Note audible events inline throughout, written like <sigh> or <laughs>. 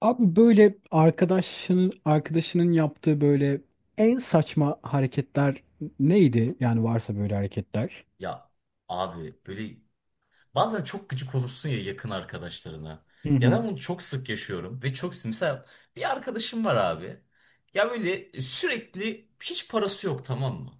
Abi böyle arkadaşının yaptığı böyle en saçma hareketler neydi? Yani varsa böyle hareketler. Ya abi böyle bazen çok gıcık olursun ya yakın arkadaşlarına. Hı Ya ben hı. bunu çok sık yaşıyorum ve çok sık. Mesela bir arkadaşım var abi. Ya böyle sürekli hiç parası yok, tamam mı?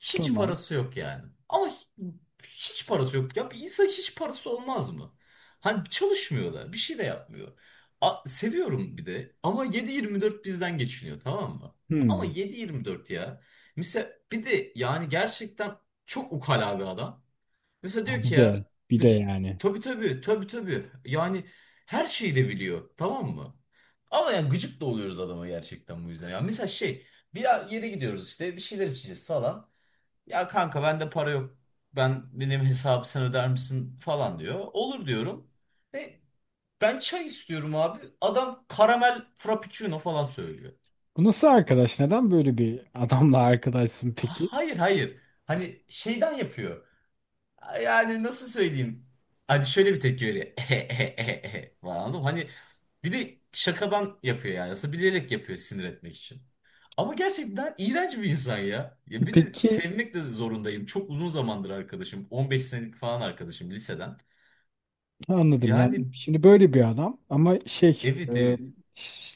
Hiç Tamam. parası yok yani. Ama hiç parası yok. Ya bir insan hiç parası olmaz mı? Hani çalışmıyor da bir şey de yapmıyor. Seviyorum bir de, ama 7/24 bizden geçiniyor, tamam mı? Ama Hmm. yedi yirmi dört ya. Mesela bir de yani gerçekten çok ukala bir adam. Mesela diyor Ha, ki bir ya, de bir de mes- yani. tabii tabii tabii tabii, yani her şeyi de biliyor, tamam mı? Ama yani gıcık da oluyoruz adama gerçekten bu yüzden. Yani mesela şey, bir yere gidiyoruz işte, bir şeyler içeceğiz falan. "Ya kanka, bende para yok, benim hesabı sen öder misin" falan diyor. Olur diyorum. E, Ben çay istiyorum abi. Adam karamel frappuccino falan söylüyor. Bu nasıl arkadaş? Neden böyle bir adamla arkadaşsın peki? Hayır hayır. Hani şeyden yapıyor. Yani nasıl söyleyeyim? Hadi şöyle bir tepki veriyor. <laughs> Falan, anladın mı? Hani bir de şakadan yapıyor yani. Aslında bilerek yapıyor, sinir etmek için. Ama gerçekten iğrenç bir insan ya. Ya bir de Peki, sevmek de zorundayım. Çok uzun zamandır arkadaşım. 15 senelik falan arkadaşım, liseden. anladım. Yani Yani şimdi böyle bir adam ama evet evet.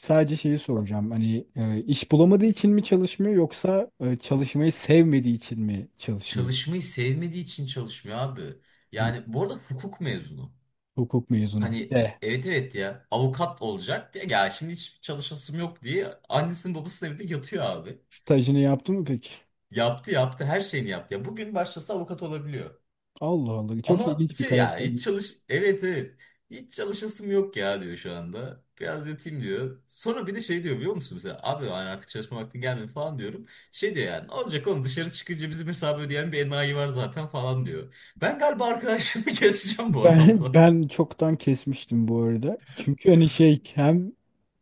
sadece şeyi soracağım. Hani iş bulamadığı için mi çalışmıyor yoksa çalışmayı sevmediği için mi çalışmıyor? Çalışmayı sevmediği için çalışmıyor abi. Hı. Yani bu arada hukuk mezunu. Hukuk mezunu bir Hani de. evet evet, ya avukat olacak diye, ya şimdi hiç çalışasım yok diye annesinin babasının evinde yatıyor abi. Stajını yaptı mı peki? Yaptı yaptı, her şeyini yaptı. Ya bugün başlasa avukat olabiliyor. Allah Allah, çok Ama ilginç bir şey, ya hiç karaktermiş. çalış evet evet, hiç çalışasım yok ya diyor şu anda. Biraz yatayım diyor. Sonra bir de şey diyor, biliyor musun, mesela abi, hani artık çalışma vaktin gelmedi falan diyorum. Şey diyor yani, olacak oğlum, dışarı çıkınca bizim hesabı ödeyen bir enayi var zaten falan diyor. Ben galiba arkadaşımı <laughs> keseceğim bu Ben adamla. ben çoktan kesmiştim bu arada. Çünkü hani şey, hem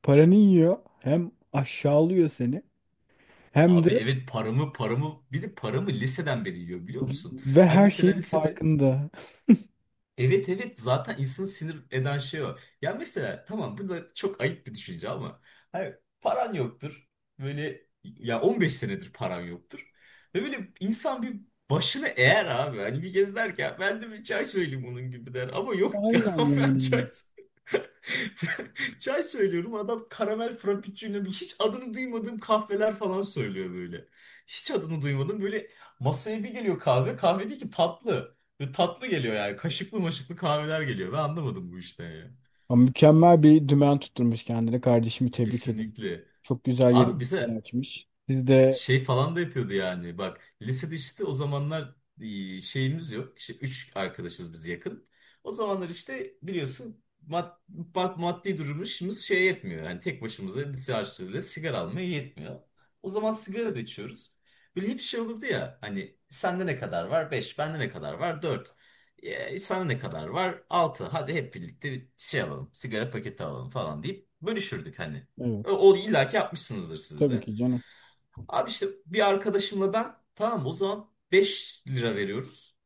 paranı yiyor, hem aşağılıyor seni, hem Abi de evet, paramı bir de paramı liseden beri yiyor, biliyor musun? ve Hani her mesela şeyin lisede. farkında. Evet evet, zaten insanı sinir eden şey o. Ya mesela tamam, bu da çok ayıp bir düşünce ama hayır, paran yoktur. Böyle ya 15 senedir paran yoktur. Ve böyle insan bir başını eğer abi, hani bir kez der ki "Ya ben de bir çay söyleyeyim" bunun gibi der. Ama yok ya, Aynen <laughs> ben yani. çay <laughs> çay söylüyorum, adam karamel frappuccino, bir hiç adını duymadığım kahveler falan söylüyor böyle. Hiç adını duymadım böyle, masaya bir geliyor, kahve kahve değil ki tatlı. Ve tatlı geliyor yani. Kaşıklı maşıklı kahveler geliyor. Ben anlamadım bu işten ya. Ama mükemmel bir dümen tutturmuş kendine. Kardeşimi tebrik ederim. Kesinlikle. Çok güzel yere Abi dükkan bize. açmış. Siz de Şey falan da yapıyordu yani. Bak lisede işte o zamanlar, şeyimiz yok. İşte üç arkadaşız biz, yakın. O zamanlar işte biliyorsun, bak maddi durumumuz şey, yetmiyor. Yani tek başımıza lise harçlığıyla sigara almaya yetmiyor. O zaman sigara da içiyoruz. Böyle hep şey olurdu ya, hani "sende ne kadar var?" "Beş." "Bende ne kadar var?" "Dört." "Sana ne kadar var?" "Altı." "Hadi hep birlikte bir şey alalım, sigara paketi alalım" falan deyip bölüşürdük hani. evet, O, o illaki yapmışsınızdır siz tabii de. ki canım. Abi işte bir arkadaşımla ben tamam, o zaman 5 lira veriyoruz.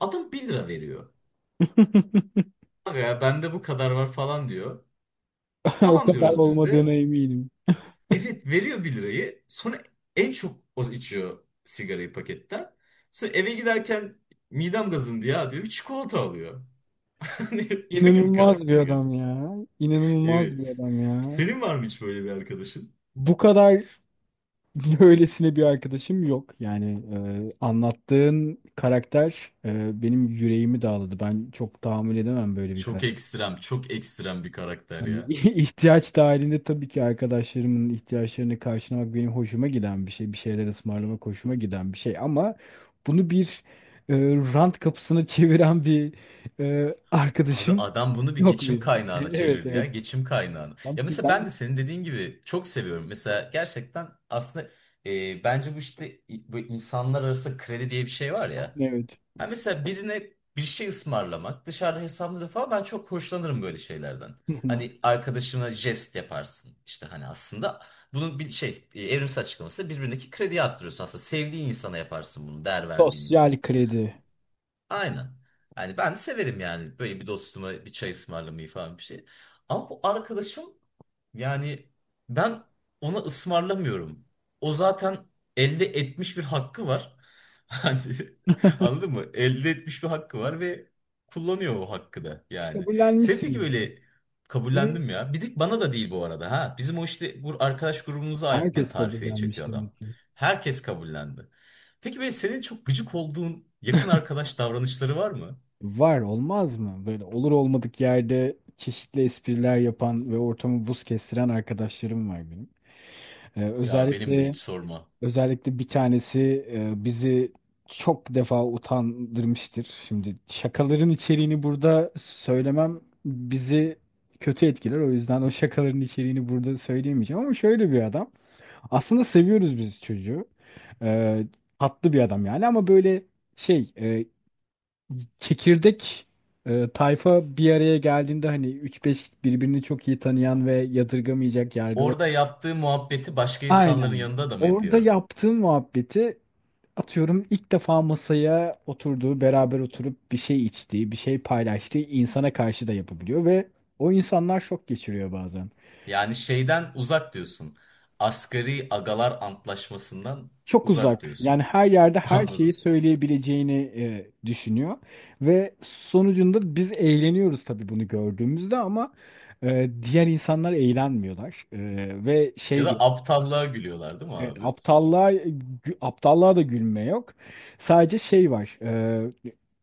Adam 1 lira veriyor. <laughs> "Aga ya, bende bu kadar var" falan diyor. O Tamam kadar diyoruz biz olmadığına de. eminim. Evet, veriyor 1 lirayı. Sonra en çok o içiyor sigarayı paketten. Sonra eve giderken, "midem gazındı ya" diyor. Bir çikolata alıyor. <laughs> Hani böyle bir İnanılmaz bir karakter adam gerçekten. ya. İnanılmaz bir Evet. adam ya. Senin var mı hiç böyle bir arkadaşın? Bu kadar <laughs> böylesine bir arkadaşım yok. Yani anlattığın karakter benim yüreğimi dağladı. Ben çok tahammül edemem böyle bir Çok karakter. ekstrem, çok ekstrem bir karakter Hani <laughs> ya. ihtiyaç dahilinde tabii ki arkadaşlarımın ihtiyaçlarını karşılamak benim hoşuma giden bir şey. Bir şeyler ısmarlamak hoşuma giden bir şey. Ama bunu bir e, rant kapısına <laughs> çeviren bir Abi arkadaşım adam bunu bir yok geçim benim. <laughs> kaynağına Evet, çevirdi ya. evet. Geçim kaynağına. Tam Ya mesela sizden. ben de senin dediğin gibi çok seviyorum. Mesela gerçekten, aslında, bence bu işte, bu insanlar arası kredi diye bir şey var ya. Evet. Ha mesela birine bir şey ısmarlamak, dışarıda hesaplı falan, ben çok hoşlanırım böyle şeylerden. <laughs> Hı hı. Hani arkadaşına jest yaparsın. İşte hani aslında bunun bir şey evrimsel açıklaması da, birbirindeki krediyi arttırıyorsun aslında. Sevdiğin insana yaparsın bunu, değer verdiğin insana. Sosyal kredi. Aynen. Yani ben de severim yani, böyle bir dostuma bir çay ısmarlamayı falan, bir şey. Ama bu arkadaşım, yani, ben ona ısmarlamıyorum. O zaten elde etmiş bir hakkı var. <laughs> Hani <laughs> anladın mı? Elde etmiş bir hakkı var ve kullanıyor o hakkı da Siz yani. Sen peki kabullenmişsiniz. böyle, Benim kabullendim ya. Bir de bana da değil bu arada ha. Bizim o işte bu arkadaş grubumuza aynı herkes tarifeyi kabullenmiş çekiyor demek adam. ki. Herkes kabullendi. Peki böyle senin çok gıcık olduğun yakın arkadaş davranışları var mı? Var olmaz mı? Böyle olur olmadık yerde çeşitli espriler yapan ve ortamı buz kestiren arkadaşlarım var benim. Ya benim de hiç Özellikle sorma. özellikle bir tanesi bizi çok defa utandırmıştır. Şimdi şakaların içeriğini burada söylemem bizi kötü etkiler. O yüzden o şakaların içeriğini burada söyleyemeyeceğim, ama şöyle bir adam. Aslında seviyoruz biz çocuğu. Ee, Tatlı bir adam yani, ama böyle şey e, çekirdek tayfa bir araya geldiğinde hani üç beş birbirini çok iyi tanıyan ve yadırgamayacak yargılı. Orada yaptığı muhabbeti başka insanların Aynen. yanında da mı Orada yapıyor? yaptığım muhabbeti, atıyorum, ilk defa masaya oturduğu, beraber oturup bir şey içtiği, bir şey paylaştığı insana karşı da yapabiliyor ve o insanlar şok geçiriyor bazen. Yani şeyden uzak diyorsun. Asgari agalar antlaşmasından Çok uzak uzak. diyorsun. Yani her yerde <laughs> her şeyi Anladım. söyleyebileceğini düşünüyor. Ve sonucunda biz eğleniyoruz tabii bunu gördüğümüzde, ama diğer insanlar eğlenmiyorlar. Ve Ya şey da diyor. aptallığa gülüyorlar değil mi Evet, abi? Aptallığa da gülme yok. Sadece şey var.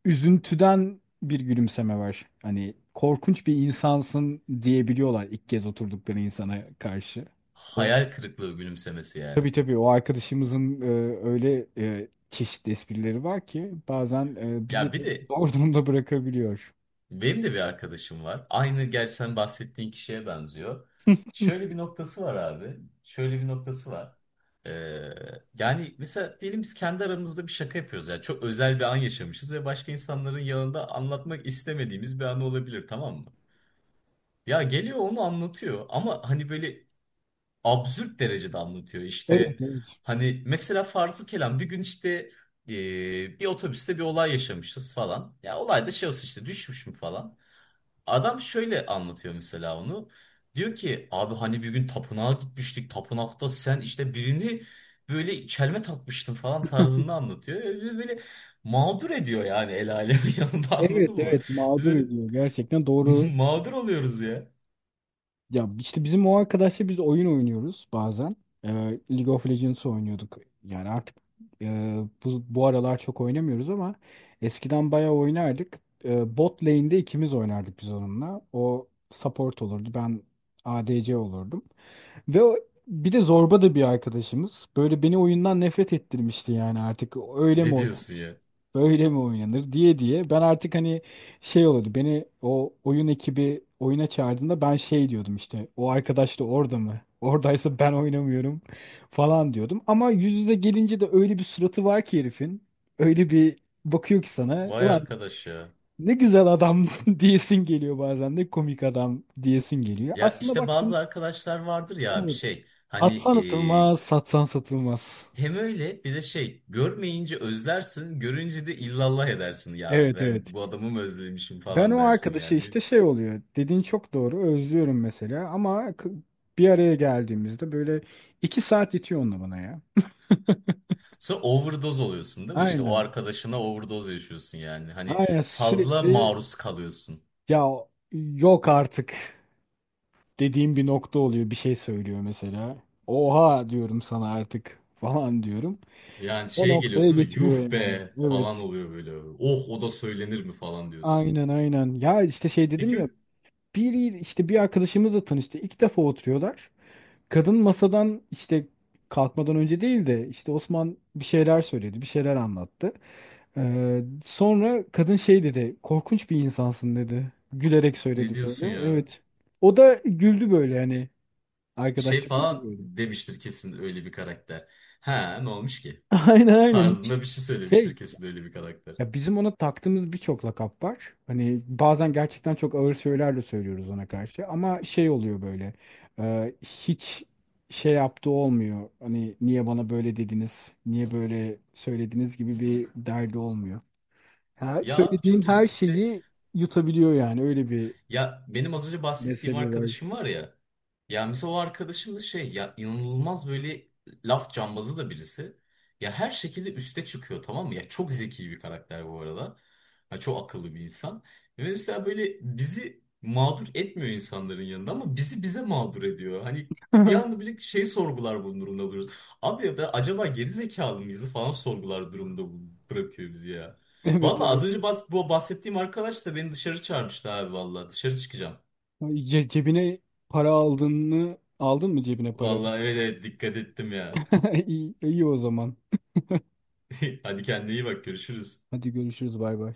Üzüntüden bir gülümseme var. Hani korkunç bir insansın diyebiliyorlar ilk kez oturdukları insana karşı. Hayal kırıklığı gülümsemesi yani. Tabii tabii, o arkadaşımızın öyle çeşitli esprileri var ki bazen Ya bizi de bir <laughs> de, zor durumda bırakabiliyor. benim de bir arkadaşım var. Aynı, gerçi sen bahsettiğin kişiye benziyor. Şöyle bir noktası var abi. Şöyle bir noktası var. Ee, Yani mesela diyelim biz kendi aramızda bir şaka yapıyoruz. Yani çok özel bir an yaşamışız ve başka insanların yanında anlatmak istemediğimiz bir an olabilir, tamam mı? Ya geliyor onu anlatıyor, ama hani böyle absürt derecede anlatıyor. Evet, İşte evet. hani mesela farzı kelam bir gün işte, bir otobüste bir olay yaşamışız falan. Ya olay da şey olsun işte, düşmüş mü falan. Adam şöyle anlatıyor mesela onu. Diyor ki "abi, hani bir gün tapınağa gitmiştik. Tapınakta sen işte birini böyle çelme takmıştın" falan tarzında anlatıyor. Öyle böyle mağdur ediyor yani, el alemin <laughs> yanında, anladın Evet mı? evet, Biz mağdur böyle ediyor gerçekten, doğru. <laughs> mağdur oluyoruz ya. Ya işte bizim o arkadaşla biz oyun oynuyoruz bazen. E, League of Legends oynuyorduk. Yani artık e, bu aralar çok oynamıyoruz, ama eskiden bayağı oynardık. Bot lane'de ikimiz oynardık biz onunla. O support olurdu, ben ADC olurdum. Ve o- Bir de zorba da bir arkadaşımız. Böyle beni oyundan nefret ettirmişti yani, artık öyle mi Ne oynanır, diyorsun ya? böyle mi oynanır diye diye. Ben artık hani şey oldu, beni o oyun ekibi oyuna çağırdığında ben şey diyordum, işte o arkadaş da orada mı? Oradaysa ben oynamıyorum <laughs> falan diyordum. Ama yüz yüze gelince de öyle bir suratı var ki herifin. Öyle bir bakıyor ki sana. Vay Ulan arkadaş ya. ne güzel adam <laughs> diyesin geliyor, bazen de komik adam diyesin geliyor. Ya Aslında işte baktın bazı arkadaşlar vardır ya, bir evet. şey. Hani Atsan atılmaz, satsan satılmaz. hem öyle bir de şey, görmeyince özlersin, görünce de illallah edersin, ya Evet, ben evet. bu adamı mı özlemişim Ben falan o dersin arkadaşı yani. İşte şey oluyor. Dediğin çok doğru. Özlüyorum mesela, ama bir araya geldiğimizde böyle iki saat yetiyor onunla bana ya. Sonra overdose oluyorsun değil mi? İşte o Aynen. arkadaşına overdose yaşıyorsun yani. Hani Aynen, fazla sürekli maruz kalıyorsun. ya yok artık dediğim bir nokta oluyor. Bir şey söylüyor mesela. Oha diyorum, sana artık falan diyorum. Yani O şey noktaya geliyorsun değil mi? getiriyor Yuh yani. be falan Evet. oluyor böyle. Oh, o da söylenir mi falan diyorsun. Aynen aynen. Ya işte şey dedim ya. Peki İşte bir arkadaşımızla tanıştı. İlk defa oturuyorlar. Kadın masadan işte kalkmadan önce değil de, işte Osman bir şeyler söyledi, bir şeyler anlattı. Sonra kadın şey dedi, korkunç bir insansın dedi. Gülerek ne söyledi diyorsun böyle. ya? Evet. O da güldü böyle yani. Şey Arkadaşlar güldü falan böyle. demiştir kesin, öyle bir karakter. Ha, ne olmuş ki? <laughs> Aynen aynen. Hiç. Tarzında bir şey söylemiştir Şey. kesin, öyle bir karakter. Ya bizim ona taktığımız birçok lakap var. Hani bazen gerçekten çok ağır söylerle söylüyoruz ona karşı. Ama şey oluyor böyle. Hiç şey yaptığı olmuyor. Hani niye bana böyle dediniz, niye böyle söylediniz gibi bir derdi olmuyor. Her, Ya abi söylediğin çok her ilginç işte. şeyi yutabiliyor yani. Öyle bir Ya benim az önce bahsettiğim mezhebi var. arkadaşım var ya. Ya mesela o arkadaşım da şey ya, inanılmaz böyle laf cambazı da birisi. Ya her şekilde üste çıkıyor, tamam mı? Ya çok zeki bir karakter bu arada. Ya çok akıllı bir insan. Ve mesela böyle bizi mağdur etmiyor insanların yanında, ama bizi bize mağdur ediyor. Hani bir anda <laughs> bile şey sorgular bunun durumda buluyoruz. Abi ya da acaba geri zekalı mıyız falan sorgular durumda bırakıyor bizi ya. Evet, Valla az evet. önce bu bahsettiğim arkadaş da beni dışarı çağırmıştı abi valla. Dışarı çıkacağım. Ay. Cebine para aldığını, aldın mı cebine para? Valla evet evet, dikkat ettim ya. <laughs> İyi, iyi o zaman. <laughs> Hadi kendine iyi bak, görüşürüz. Hadi görüşürüz, bay bay.